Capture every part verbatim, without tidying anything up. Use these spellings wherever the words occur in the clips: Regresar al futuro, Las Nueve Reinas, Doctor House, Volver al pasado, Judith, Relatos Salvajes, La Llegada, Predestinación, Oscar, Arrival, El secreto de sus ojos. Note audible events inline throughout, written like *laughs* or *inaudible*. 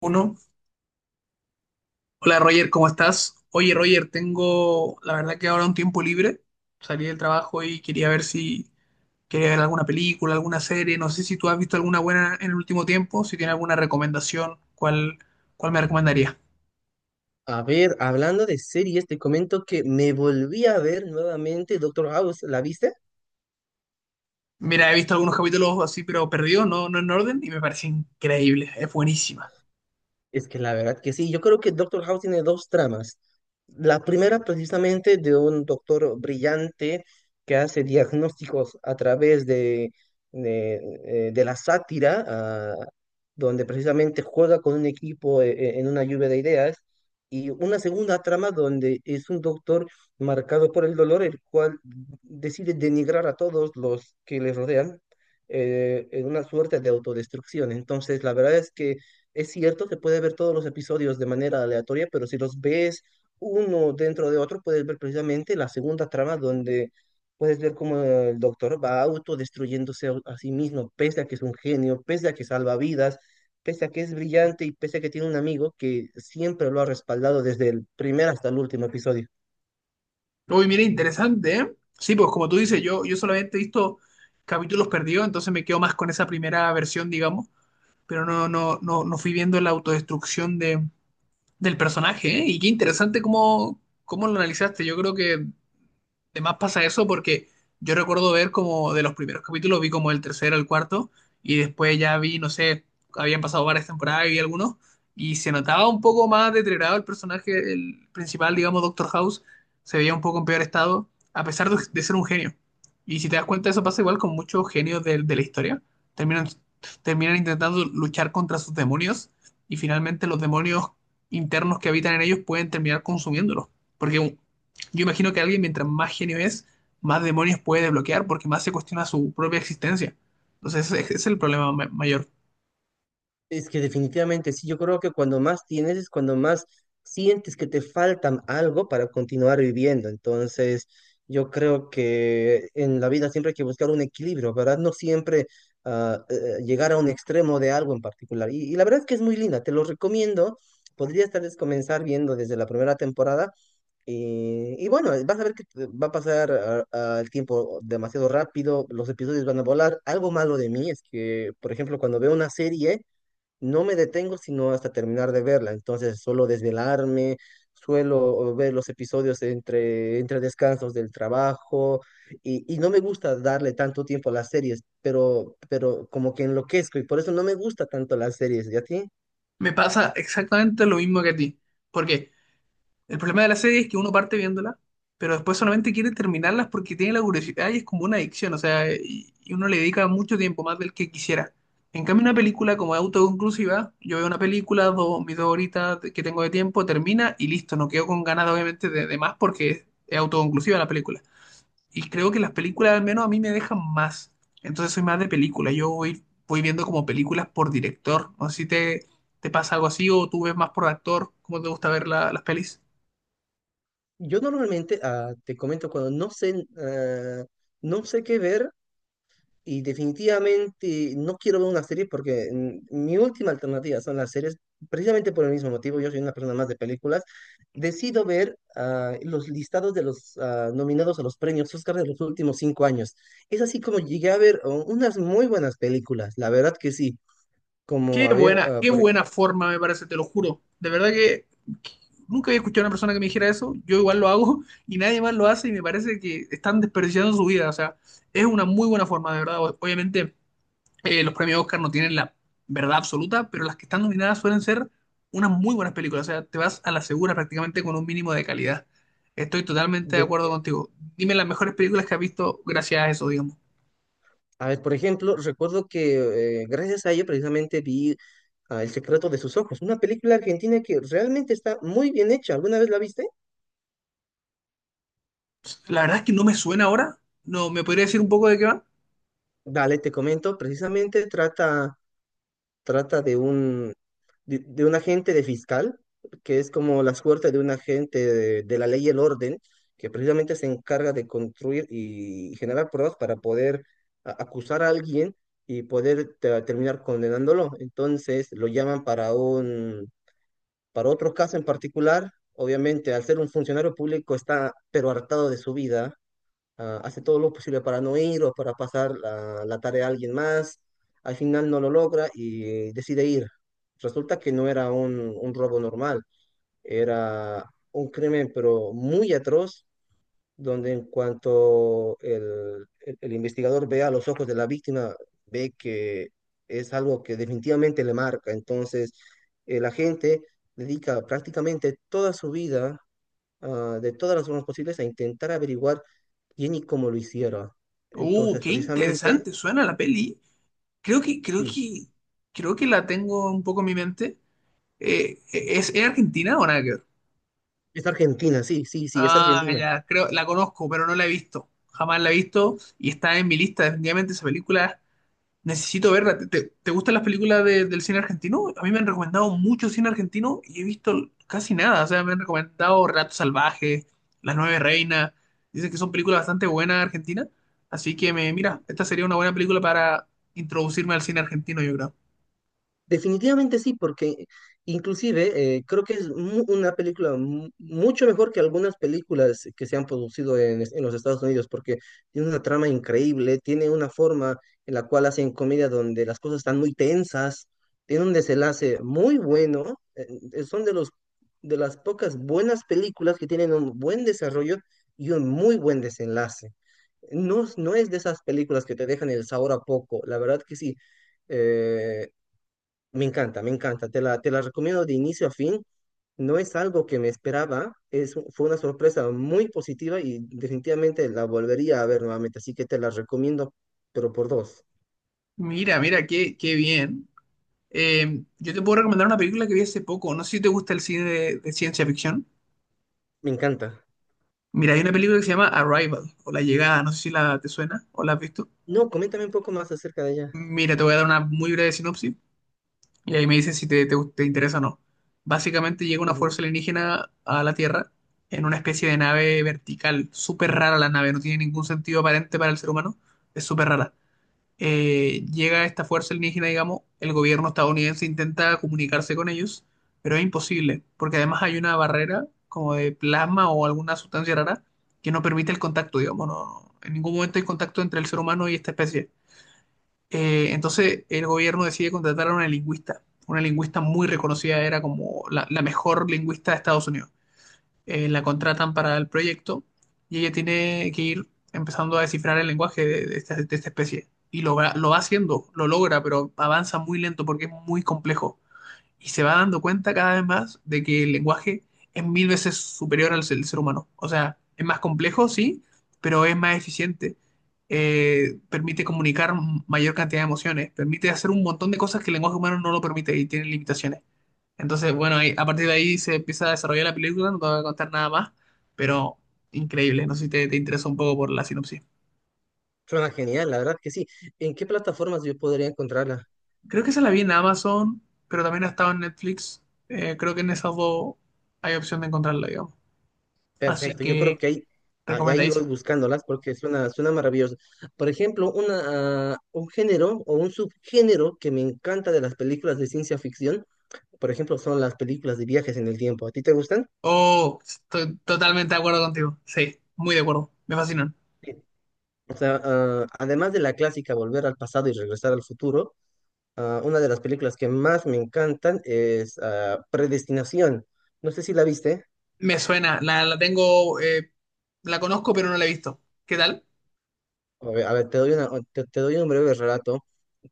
Uno. Hola Roger, ¿cómo estás? Oye Roger, tengo la verdad que ahora un tiempo libre. Salí del trabajo y quería ver si quería ver alguna película, alguna serie. No sé si tú has visto alguna buena en el último tiempo, si tienes alguna recomendación, ¿cuál, cuál me recomendaría? A ver, hablando de series, te comento que me volví a ver nuevamente Doctor House. ¿La viste? Mira, he visto algunos capítulos así, pero perdidos, no, no en orden, y me parece increíble, es buenísima. Es que la verdad que sí, yo creo que Doctor House tiene dos tramas. La primera precisamente de un doctor brillante que hace diagnósticos a través de, de, eh, de la sátira, ah, donde precisamente juega con un equipo eh, eh, en una lluvia de ideas, y una segunda trama donde es un doctor marcado por el dolor, el cual decide denigrar a todos los que le rodean eh, en una suerte de autodestrucción. Entonces, la verdad es que... Es cierto que puedes ver todos los episodios de manera aleatoria, pero si los ves uno dentro de otro, puedes ver precisamente la segunda trama donde puedes ver cómo el doctor va autodestruyéndose a, a sí mismo, pese a que es un genio, pese a que salva vidas, pese a que es brillante y pese a que tiene un amigo que siempre lo ha respaldado desde el primer hasta el último episodio. Uy, mira, interesante, ¿eh? Sí, pues como tú dices, yo, yo solamente he visto capítulos perdidos, entonces me quedo más con esa primera versión, digamos, pero no, no, no, no fui viendo la autodestrucción de, del personaje, ¿eh? Y qué interesante cómo, cómo lo analizaste. Yo creo que además pasa eso porque yo recuerdo ver como de los primeros capítulos, vi como el tercero, el cuarto, y después ya vi, no sé, habían pasado varias temporadas y vi algunos, y se notaba un poco más deteriorado el personaje, el principal, digamos, Doctor House, se veía un poco en peor estado, a pesar de, de ser un genio. Y si te das cuenta, eso pasa igual con muchos genios de, de la historia. Terminan, Terminan intentando luchar contra sus demonios, y finalmente los demonios internos que habitan en ellos pueden terminar consumiéndolos. Porque un- yo imagino que alguien, mientras más genio es, más demonios puede desbloquear porque más se cuestiona su propia existencia. Entonces, ese ese es el problema ma- mayor. Es que definitivamente sí, yo creo que cuando más tienes es cuando más sientes que te faltan algo para continuar viviendo. Entonces, yo creo que en la vida siempre hay que buscar un equilibrio, ¿verdad? No siempre ah, eh, llegar a un extremo de algo en particular. Y, y la verdad es que es muy linda, te lo recomiendo. Podrías tal vez comenzar viendo desde la primera temporada y, y bueno, vas a ver que te- va a pasar ah, ah, el tiempo demasiado rápido, los episodios van a volar. Algo malo de mí es que, por ejemplo, cuando veo una serie, no me detengo sino hasta terminar de verla. Entonces suelo desvelarme, suelo ver los episodios entre, entre descansos del trabajo y, y no me gusta darle tanto tiempo a las series, pero, pero como que enloquezco y por eso no me gusta tanto las series. ¿Y a ti? Me pasa exactamente lo mismo que a ti. Porque el problema de la serie es que uno parte viéndola, pero después solamente quiere terminarlas porque tiene la curiosidad y es como una adicción. O sea, y, y uno le dedica mucho tiempo, más del que quisiera. En cambio, una película como es autoconclusiva, yo veo una película, dos, mis dos horitas que tengo de tiempo, termina y listo. No quedo con ganas, obviamente, de, de más porque es autoconclusiva la película, y creo que las películas al menos a mí me dejan más. Entonces soy más de película. Yo voy, voy viendo como películas por director. No sé si te, te pasa algo así o tú ves más por actor. ¿Cómo te gusta ver la- las pelis? Yo normalmente, ah, te comento, cuando no sé, ah, no sé qué ver, y definitivamente no quiero ver una serie porque mm, mi última alternativa son las series, precisamente por el mismo motivo, yo soy una persona más de películas, decido ver ah, los listados de los ah, nominados a los premios Oscar de los últimos cinco años. Es así como llegué a ver oh, unas muy buenas películas, la verdad que sí, como Qué a ver, buena, ah, qué por, e- buena forma me parece, te lo juro. De verdad que, que nunca había escuchado a una persona que me dijera eso. Yo igual lo hago *laughs* y nadie más lo hace y me parece que están desperdiciando su vida. O sea, es una muy buena forma, de verdad. O- Obviamente, Eh, los premios Oscar no tienen la verdad absoluta, pero las que están nominadas suelen ser unas muy buenas películas. O sea, te vas a la segura prácticamente con un mínimo de calidad. Estoy totalmente de de- acuerdo contigo. Dime las mejores películas que has visto gracias a eso, digamos. a ver, por ejemplo, recuerdo que eh, gracias a ello precisamente vi ah, El secreto de sus ojos, una película argentina que realmente está muy bien hecha, ¿alguna vez la viste? La verdad es que no me suena ahora. No, ¿me podría decir un poco de qué va? Dale, te comento, precisamente trata, trata de un, de, de un agente de fiscal, que es como la suerte de un agente de, de la ley y el orden, que precisamente se encarga de construir y generar pruebas para poder a- acusar a alguien y poder te- terminar condenándolo. Entonces lo llaman para un, para otro caso en particular. Obviamente, al ser un funcionario público está pero hartado de su vida, ah, hace todo lo posible para no ir o para pasar la, la tarea a alguien más, al final no lo logra y decide ir. Resulta que no era un, un robo normal, era un crimen pero muy atroz, donde en cuanto el, el- el investigador ve a los ojos de la víctima, ve que es algo que definitivamente le marca. Entonces, eh, la gente dedica prácticamente toda su vida, ah, de todas las formas posibles a intentar averiguar quién y cómo lo hicieron. Uh, Entonces, qué precisamente, interesante suena la peli. Creo que, creo sí, que, Creo que la tengo un poco en mi mente. Eh, ¿es, es Argentina o nada que... es Argentina, sí, sí, sí, es Ah, Argentina. ya, creo, la conozco, pero no la he visto. Jamás la he visto y está en mi lista. Definitivamente esa película necesito verla. ¿Te, te- te gustan las películas de- del cine argentino? A mí me han recomendado mucho cine argentino y he visto casi nada. O sea, me han recomendado Relatos Salvajes, Las Nueve Reinas. Dicen que son películas bastante buenas argentinas. Así que me, mira, esta sería una buena película para introducirme al cine argentino, yo creo. Definitivamente sí, porque inclusive eh, creo que es mu- una película mu- mucho mejor que algunas películas que se han producido en, es- en los Estados Unidos, porque tiene una trama increíble, tiene una forma en la cual hacen comedia donde las cosas están muy tensas, tiene un desenlace muy bueno, eh, eh, son de los de las pocas buenas películas que tienen un buen desarrollo y un muy buen desenlace. No, es- no es de esas películas que te dejan el sabor a poco, la verdad que sí. Eh, Me encanta, me encanta. Te la, te la recomiendo de inicio a fin. No es algo que me esperaba, es, fue una sorpresa muy positiva y definitivamente la volvería a ver nuevamente, así que te la recomiendo, pero por dos. Mira, mira, qué, qué bien. Eh, yo te puedo recomendar una película que vi hace poco. No sé si te gusta el cine de de ciencia ficción. Me encanta. Mira, hay una película que se llama Arrival o La Llegada, no sé si la te suena o la has visto. No, coméntame un poco más acerca de ella. Mira, te voy a dar una muy breve sinopsis y ahí me dices si te, te, te interesa o no. Básicamente llega una Ujú. fuerza alienígena a la Tierra en una especie de nave vertical, súper rara la nave, no tiene ningún sentido aparente para el ser humano, es súper rara. Eh, llega esta fuerza alienígena, digamos, el gobierno estadounidense intenta comunicarse con ellos, pero es imposible, porque además hay una barrera como de plasma o alguna sustancia rara que no permite el contacto, digamos, no, en ningún momento hay contacto entre el ser humano y esta especie. Eh, entonces el gobierno decide contratar a una lingüista, una lingüista muy reconocida, era como la, la mejor lingüista de Estados Unidos. Eh, la contratan para el proyecto y ella tiene que ir empezando a descifrar el lenguaje de, de esta, de esta especie. Y lo, va- lo va haciendo, lo logra, pero avanza muy lento porque es muy complejo. Y se va dando cuenta cada vez más de que el lenguaje es mil veces superior al ser, ser humano. O sea, es más complejo, sí, pero es más eficiente. Eh, permite comunicar mayor cantidad de emociones, permite hacer un montón de cosas que el lenguaje humano no lo permite y tiene limitaciones. Entonces, bueno, ahí- a partir de ahí se empieza a desarrollar la película, no te voy a contar nada más, pero increíble, no sé si te, te interesa un poco por la sinopsis. Suena genial, la verdad que sí. ¿En qué plataformas yo podría encontrarla? Creo que esa la vi en Amazon, pero también ha estado en Netflix. Eh, creo que en esas dos hay opción de encontrarla, digamos. Así Perfecto, yo creo que que ahí, ahí ahí voy recomendadísima. buscándolas porque suena, suena maravilloso. Por ejemplo, una, ah, un género o un subgénero que me encanta de las películas de ciencia ficción, por ejemplo, son las películas de viajes en el tiempo. ¿A ti te gustan? Oh, estoy totalmente de acuerdo contigo. Sí, muy de acuerdo. Me fascinan. Sí. O sea, ah, además de la clásica Volver al pasado y regresar al futuro, ah, una de las películas que más me encantan es ah, Predestinación. No sé si la viste. Me suena, la, la tengo, eh, la conozco, pero no la he visto. ¿Qué tal? A ver, a ver, te doy una- te, te doy un breve relato.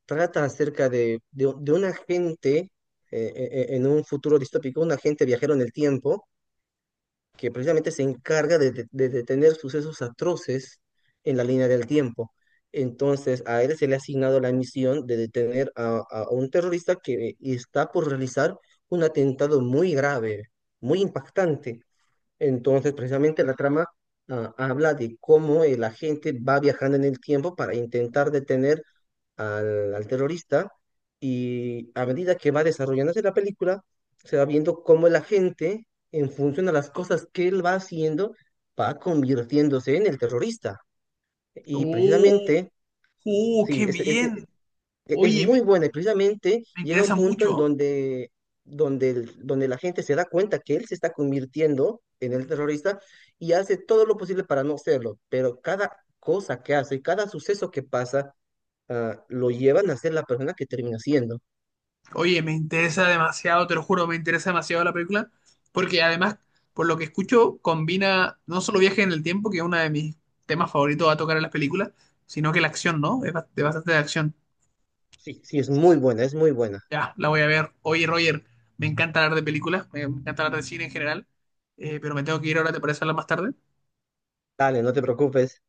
Trata acerca de, de, de un agente eh, eh, eh, en un futuro distópico, un agente viajero en el tiempo que precisamente se encarga de, de- de detener sucesos atroces en la línea del tiempo. Entonces, a él se le ha asignado la misión de detener a, a un terrorista que está por realizar un atentado muy grave, muy impactante. Entonces, precisamente la trama, ah, habla de cómo el agente va viajando en el tiempo para intentar detener al, al terrorista y a medida que va desarrollándose la película, se va viendo cómo la gente, en función a las cosas que él va haciendo, va convirtiéndose en el terrorista. Y ¡Oh, precisamente, oh, sí, qué es, es- bien! es- es Oye, muy me, buena y precisamente me llega un interesa punto en mucho. donde, donde, el- donde la gente se da cuenta que él se está convirtiendo en el terrorista y hace todo lo posible para no serlo, pero cada cosa que hace, cada suceso que pasa, ah, lo llevan a ser la persona que termina siendo. Oye, me interesa demasiado, te lo juro, me interesa demasiado la película, porque además, por lo que escucho, combina no solo viaje en el tiempo, que es uno de mis temas favoritos a tocar en las películas, sino que la acción, ¿no? Es ba- de bastante de acción. Sí, sí, es muy buena, es muy buena. Ya, la voy a ver. Oye, Roger, me encanta hablar de películas, me me encanta hablar de cine en general, eh, pero me tengo que ir ahora, ¿te parece hablar más tarde? Dale, no te preocupes.